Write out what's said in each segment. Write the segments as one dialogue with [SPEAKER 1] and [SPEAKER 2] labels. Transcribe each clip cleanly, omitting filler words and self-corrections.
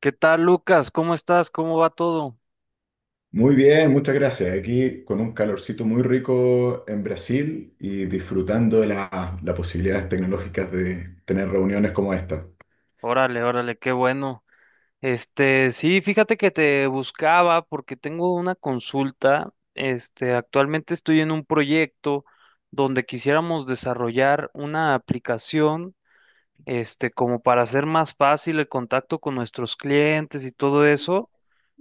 [SPEAKER 1] ¿Qué tal, Lucas? ¿Cómo estás? ¿Cómo va todo?
[SPEAKER 2] Muy bien, muchas gracias. Aquí con un calorcito muy rico en Brasil y disfrutando de las posibilidades tecnológicas de tener reuniones como esta.
[SPEAKER 1] Órale, órale, qué bueno. Sí, fíjate que te buscaba porque tengo una consulta. Actualmente estoy en un proyecto donde quisiéramos desarrollar una aplicación, como para hacer más fácil el contacto con nuestros clientes y todo eso.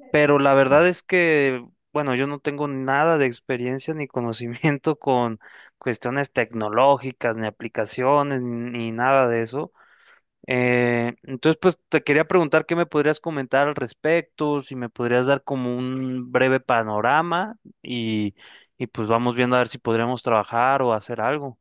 [SPEAKER 1] Pero la verdad es que, bueno, yo no tengo nada de experiencia ni conocimiento con cuestiones tecnológicas, ni aplicaciones, ni nada de eso. Entonces, pues te quería preguntar qué me podrías comentar al respecto, si me podrías dar como un breve panorama y, pues vamos viendo a ver si podríamos trabajar o hacer algo.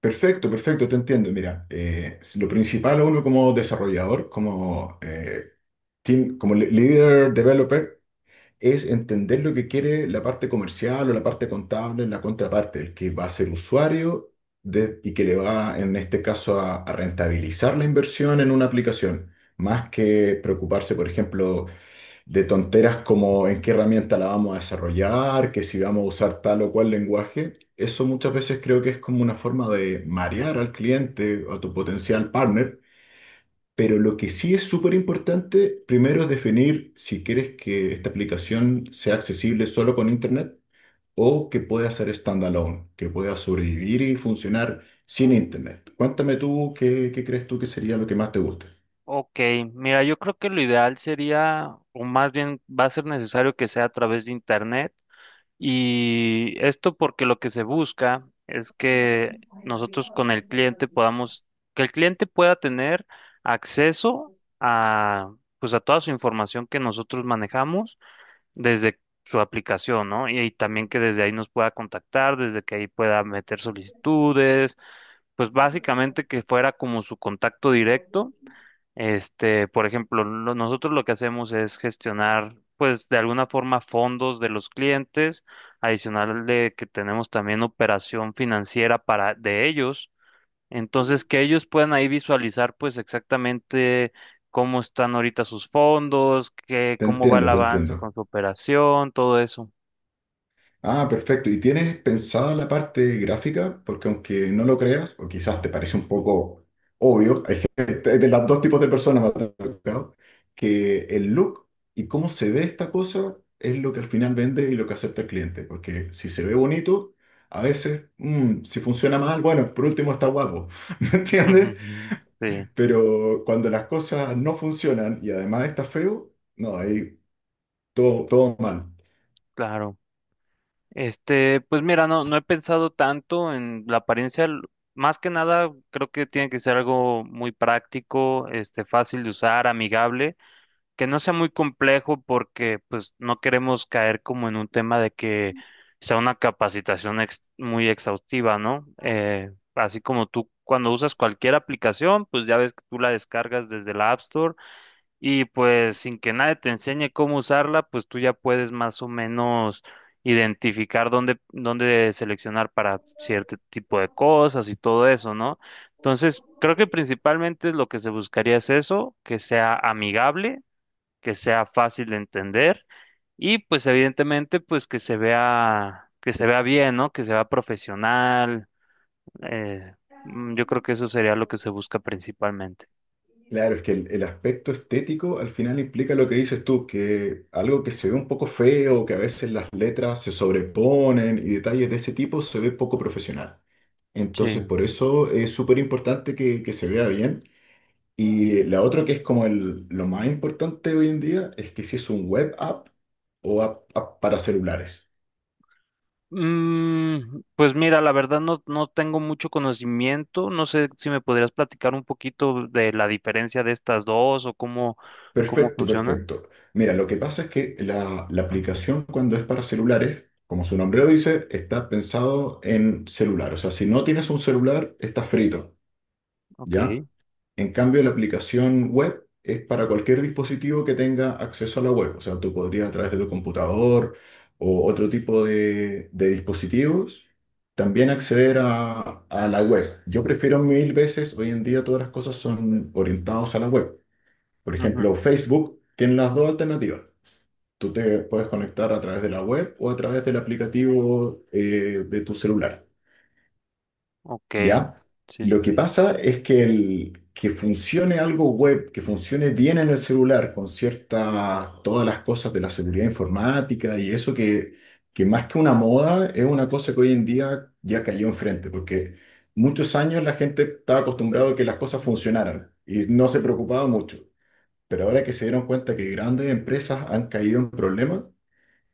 [SPEAKER 2] Perfecto, perfecto, te entiendo. Mira, lo principal a uno como desarrollador, como, team, como leader developer, es entender lo que quiere la parte comercial o la parte contable, la contraparte, el que va a ser usuario y que le va, en este caso, a rentabilizar la inversión en una aplicación, más que preocuparse, por ejemplo, de tonteras como en qué herramienta la vamos a desarrollar, que si vamos a usar tal o cual lenguaje. Eso muchas veces creo que es como una forma de marear al cliente o a tu potencial partner, pero lo que sí es súper importante, primero es definir si quieres que esta aplicación sea accesible solo con Internet o que pueda ser standalone, que pueda sobrevivir y funcionar sin Internet. Cuéntame tú qué, qué crees tú que sería lo que más te gusta.
[SPEAKER 1] Ok, mira, yo creo que lo ideal sería, o más bien va a ser necesario que sea a través de internet. Y esto porque lo que se busca es que nosotros con el cliente podamos, que el cliente pueda tener acceso a, pues a toda su información que nosotros manejamos desde su aplicación, ¿no? Y, también que desde ahí nos pueda contactar, desde que ahí pueda meter solicitudes, pues básicamente que fuera como su contacto directo por ejemplo, nosotros lo que hacemos es gestionar, pues, de alguna forma fondos de los clientes, adicional de que tenemos también operación financiera para de ellos. Entonces, que ellos puedan ahí visualizar, pues, exactamente cómo están ahorita sus fondos, qué,
[SPEAKER 2] Te
[SPEAKER 1] cómo va
[SPEAKER 2] entiendo,
[SPEAKER 1] el
[SPEAKER 2] te
[SPEAKER 1] avance
[SPEAKER 2] entiendo.
[SPEAKER 1] con su operación, todo eso.
[SPEAKER 2] Ah, perfecto. ¿Y tienes pensada la parte gráfica? Porque aunque no lo creas, o quizás te parece un poco obvio, hay gente, de los dos tipos de personas me ha tocado, que el look y cómo se ve esta cosa es lo que al final vende y lo que acepta el cliente. Porque si se ve bonito, a veces, si funciona mal, bueno, por último está guapo, ¿me
[SPEAKER 1] Ujú,
[SPEAKER 2] entiendes?
[SPEAKER 1] ujú. Sí,
[SPEAKER 2] Pero cuando las cosas no funcionan y además está feo, no, ahí todo mal.
[SPEAKER 1] claro. Pues mira, no, no he pensado tanto en la apariencia. Más que nada, creo que tiene que ser algo muy práctico, fácil de usar, amigable, que no sea muy complejo porque pues no queremos caer como en un tema de que sea una capacitación muy exhaustiva, ¿no? Así como tú cuando usas cualquier aplicación, pues ya ves que tú la descargas desde la App Store y pues sin que nadie te enseñe cómo usarla, pues tú ya puedes más o menos identificar dónde, dónde seleccionar para cierto tipo de cosas y todo eso, ¿no? Entonces, creo que principalmente lo que se buscaría es eso, que sea amigable, que sea fácil de entender y pues evidentemente pues que se vea bien, ¿no? Que se vea profesional. eh, yo creo que eso sería lo que se busca principalmente.
[SPEAKER 2] Claro, es que el aspecto estético al final implica lo que dices tú, que algo que se ve un poco feo, que a veces las letras se sobreponen y detalles de ese tipo se ve poco profesional. Entonces,
[SPEAKER 1] Sí.
[SPEAKER 2] por eso es súper importante que se vea bien. Y la otra que es como lo más importante hoy en día es que si es un web app o app para celulares.
[SPEAKER 1] Pues mira, la verdad no, no tengo mucho conocimiento. No sé si me podrías platicar un poquito de la diferencia de estas dos o cómo, cómo
[SPEAKER 2] Perfecto,
[SPEAKER 1] funcionan.
[SPEAKER 2] perfecto. Mira, lo que pasa es que la aplicación cuando es para celulares, como su nombre lo dice, está pensado en celular. O sea, si no tienes un celular, estás frito, ¿ya?
[SPEAKER 1] Ok.
[SPEAKER 2] En cambio, la aplicación web es para cualquier dispositivo que tenga acceso a la web. O sea, tú podrías a través de tu computador o otro tipo de dispositivos también acceder a la web. Yo prefiero mil veces, hoy en día todas las cosas son orientadas a la web. Por ejemplo,
[SPEAKER 1] Ujú.
[SPEAKER 2] Facebook tiene las dos alternativas. Tú te puedes conectar a través de la web o a través del aplicativo, de tu celular,
[SPEAKER 1] Ok.
[SPEAKER 2] ¿ya?
[SPEAKER 1] Sí, sí,
[SPEAKER 2] Lo que
[SPEAKER 1] sí.
[SPEAKER 2] pasa es que, que funcione algo web, que funcione bien en el celular con todas las cosas de la seguridad informática y eso que más que una moda es una cosa que hoy en día ya cayó enfrente, porque muchos años la gente estaba acostumbrada a que las cosas funcionaran y no se preocupaba mucho. Pero ahora que se dieron cuenta que grandes empresas han caído en problemas,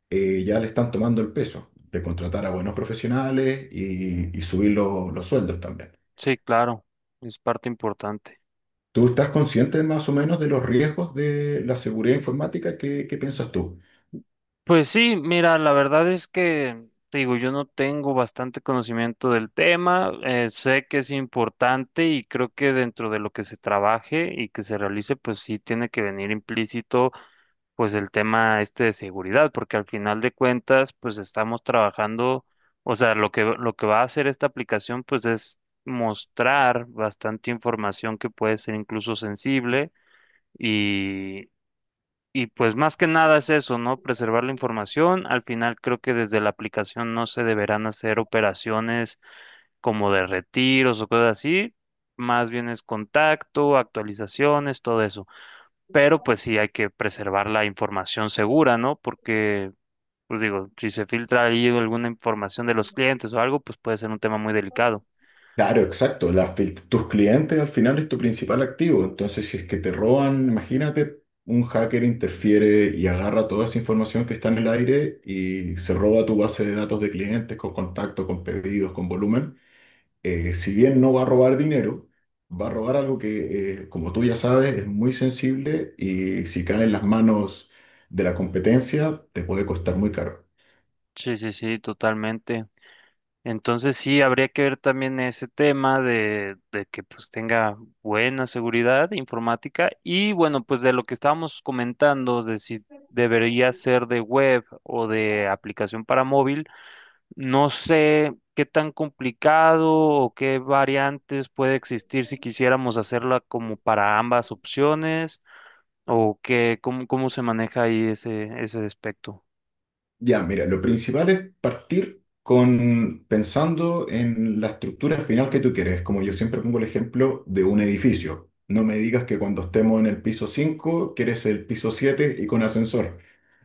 [SPEAKER 2] ya le están tomando el peso de contratar a buenos profesionales y subir los sueldos también.
[SPEAKER 1] Sí, claro. Es parte importante.
[SPEAKER 2] ¿Tú estás consciente más o menos de los riesgos de la seguridad informática? ¿Qué, qué piensas tú?
[SPEAKER 1] Pues sí, mira, la verdad es que, te digo, yo no tengo bastante conocimiento del tema, sé que es importante y creo que dentro de lo que se trabaje y que se realice, pues sí tiene que venir implícito pues el tema este de seguridad, porque al final de cuentas, pues estamos trabajando, o sea, lo que va a hacer esta aplicación, pues es mostrar bastante información que puede ser incluso sensible y, pues más que nada es eso, ¿no? Preservar la información. Al final creo que desde la aplicación no se deberán hacer operaciones como de retiros o cosas así, más bien es contacto, actualizaciones, todo eso pero pues sí hay que preservar la información segura, ¿no? Porque, pues digo, si se filtra ahí alguna información de los clientes o algo, pues puede ser un tema muy delicado.
[SPEAKER 2] Claro, exacto. Tus clientes al final es tu principal activo. Entonces, si es que te roban, imagínate, un hacker interfiere y agarra toda esa información que está en el aire y se roba tu base de datos de clientes con contacto, con pedidos, con volumen. Si bien no va a robar dinero, va a robar algo que, como tú ya sabes, es muy sensible y si cae en las manos de la competencia, te puede costar muy caro.
[SPEAKER 1] Sí, sí, sí, totalmente. Entonces sí, habría que ver también ese tema de que pues tenga buena seguridad informática y bueno, pues de lo que estábamos comentando de si debería ser de web o de aplicación para móvil. No sé qué tan complicado o qué variantes puede existir si quisiéramos hacerla como para ambas opciones o qué, cómo, cómo se maneja ahí ese aspecto.
[SPEAKER 2] Ya, mira, lo principal es partir con pensando en la estructura final que tú quieres. Como yo siempre pongo el ejemplo de un edificio. No me digas que cuando estemos en el piso 5 quieres el piso 7 y con ascensor.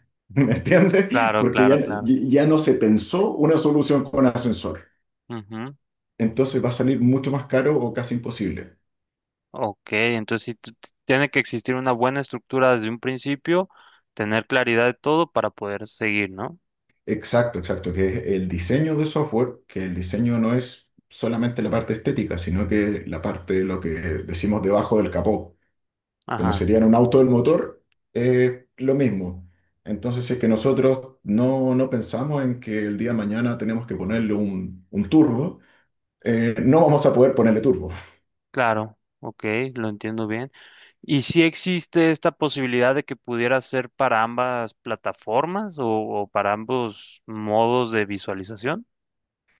[SPEAKER 2] ¿Me entiendes?
[SPEAKER 1] Claro,
[SPEAKER 2] Porque
[SPEAKER 1] claro,
[SPEAKER 2] ya,
[SPEAKER 1] claro.
[SPEAKER 2] ya no se pensó una solución con ascensor.
[SPEAKER 1] Ujú.
[SPEAKER 2] Entonces va a salir mucho más caro o casi imposible.
[SPEAKER 1] Ok, entonces sí tiene que existir una buena estructura desde un principio, tener claridad de todo para poder seguir, ¿no?
[SPEAKER 2] Exacto, exacto, que es el diseño de software, que el diseño no es solamente la parte estética, sino que la parte de lo que decimos debajo del capó, como
[SPEAKER 1] Ajá,
[SPEAKER 2] sería en un auto del motor, es lo mismo. Entonces, si es que nosotros no pensamos en que el día de mañana tenemos que ponerle un turbo, no vamos a poder ponerle turbo.
[SPEAKER 1] claro, ok, lo entiendo bien. ¿Y si existe esta posibilidad de que pudiera ser para ambas plataformas o, para ambos modos de visualización?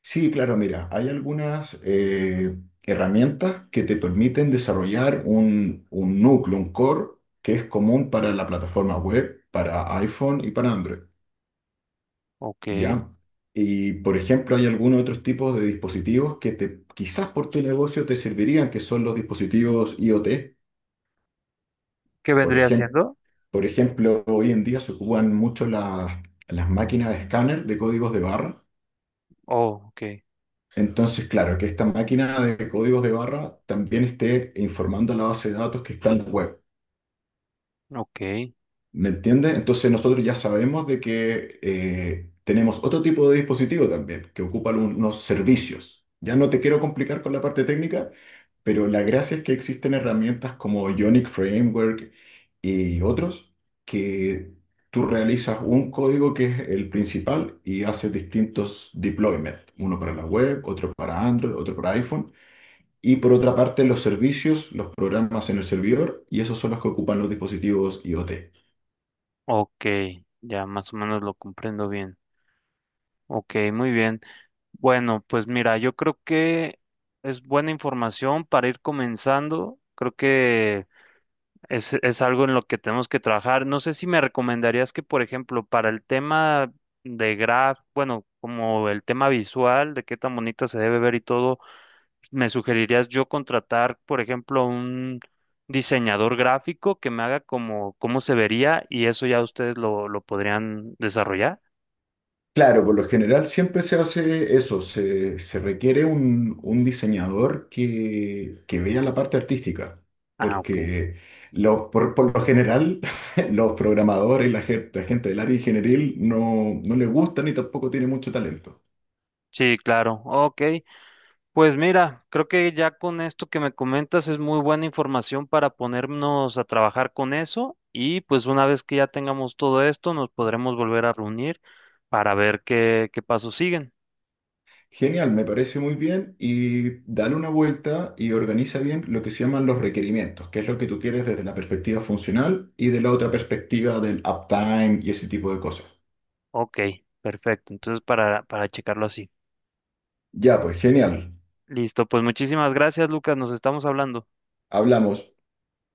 [SPEAKER 2] Sí, claro, mira, hay algunas, herramientas que te permiten desarrollar un núcleo, un core, que es común para la plataforma web, para iPhone y para Android,
[SPEAKER 1] Ok.
[SPEAKER 2] ¿ya? Y, por ejemplo, hay algunos otros tipos de dispositivos que quizás por tu negocio te servirían, que son los dispositivos IoT.
[SPEAKER 1] ¿Qué
[SPEAKER 2] Por
[SPEAKER 1] vendría
[SPEAKER 2] ejemplo,
[SPEAKER 1] siendo?
[SPEAKER 2] por ejemplo, hoy en día se ocupan mucho las máquinas de escáner de códigos de barra.
[SPEAKER 1] Oh, ok,
[SPEAKER 2] Entonces, claro, que esta máquina de códigos de barra también esté informando a la base de datos que está en la web.
[SPEAKER 1] ok,
[SPEAKER 2] ¿Me entiendes? Entonces nosotros ya sabemos de que, tenemos otro tipo de dispositivo también, que ocupa unos servicios. Ya no te quiero complicar con la parte técnica, pero la gracia es que existen herramientas como Ionic Framework y otros, que tú realizas un código que es el principal y haces distintos deployments, uno para la web, otro para Android, otro para iPhone. Y por otra parte, los servicios los programas en el servidor y esos son los que ocupan los dispositivos IoT.
[SPEAKER 1] ok. Ya más o menos lo comprendo bien. Ok, muy bien. Bueno, pues mira, yo creo que es buena información para ir comenzando. Creo que es, algo en lo que tenemos que trabajar. No sé si me recomendarías que, por ejemplo, para el tema de graf bueno, como el tema visual, de qué tan bonita se debe ver y todo, me sugerirías yo contratar, por ejemplo, un diseñador gráfico que me haga como cómo se vería y eso ya ustedes lo, podrían desarrollar.
[SPEAKER 2] Claro, por lo general siempre se hace eso, se requiere un diseñador que vea la parte artística,
[SPEAKER 1] Ah, ok.
[SPEAKER 2] porque por lo general los programadores, la gente del área ingenieril no les gusta ni tampoco tiene mucho talento.
[SPEAKER 1] Sí, claro. Ok. Pues mira, creo que ya con esto que me comentas es muy buena información para ponernos a trabajar con eso y pues una vez que ya tengamos todo esto nos podremos volver a reunir para ver qué, qué pasos siguen.
[SPEAKER 2] Genial, me parece muy bien y dale una vuelta y organiza bien lo que se llaman los requerimientos, que es lo que tú quieres desde la perspectiva funcional y de la otra perspectiva del uptime y ese tipo de cosas.
[SPEAKER 1] Ok, perfecto. Entonces para, checarlo así.
[SPEAKER 2] Ya, pues genial.
[SPEAKER 1] Listo, pues muchísimas gracias, Lucas. Nos estamos hablando.
[SPEAKER 2] Hablamos.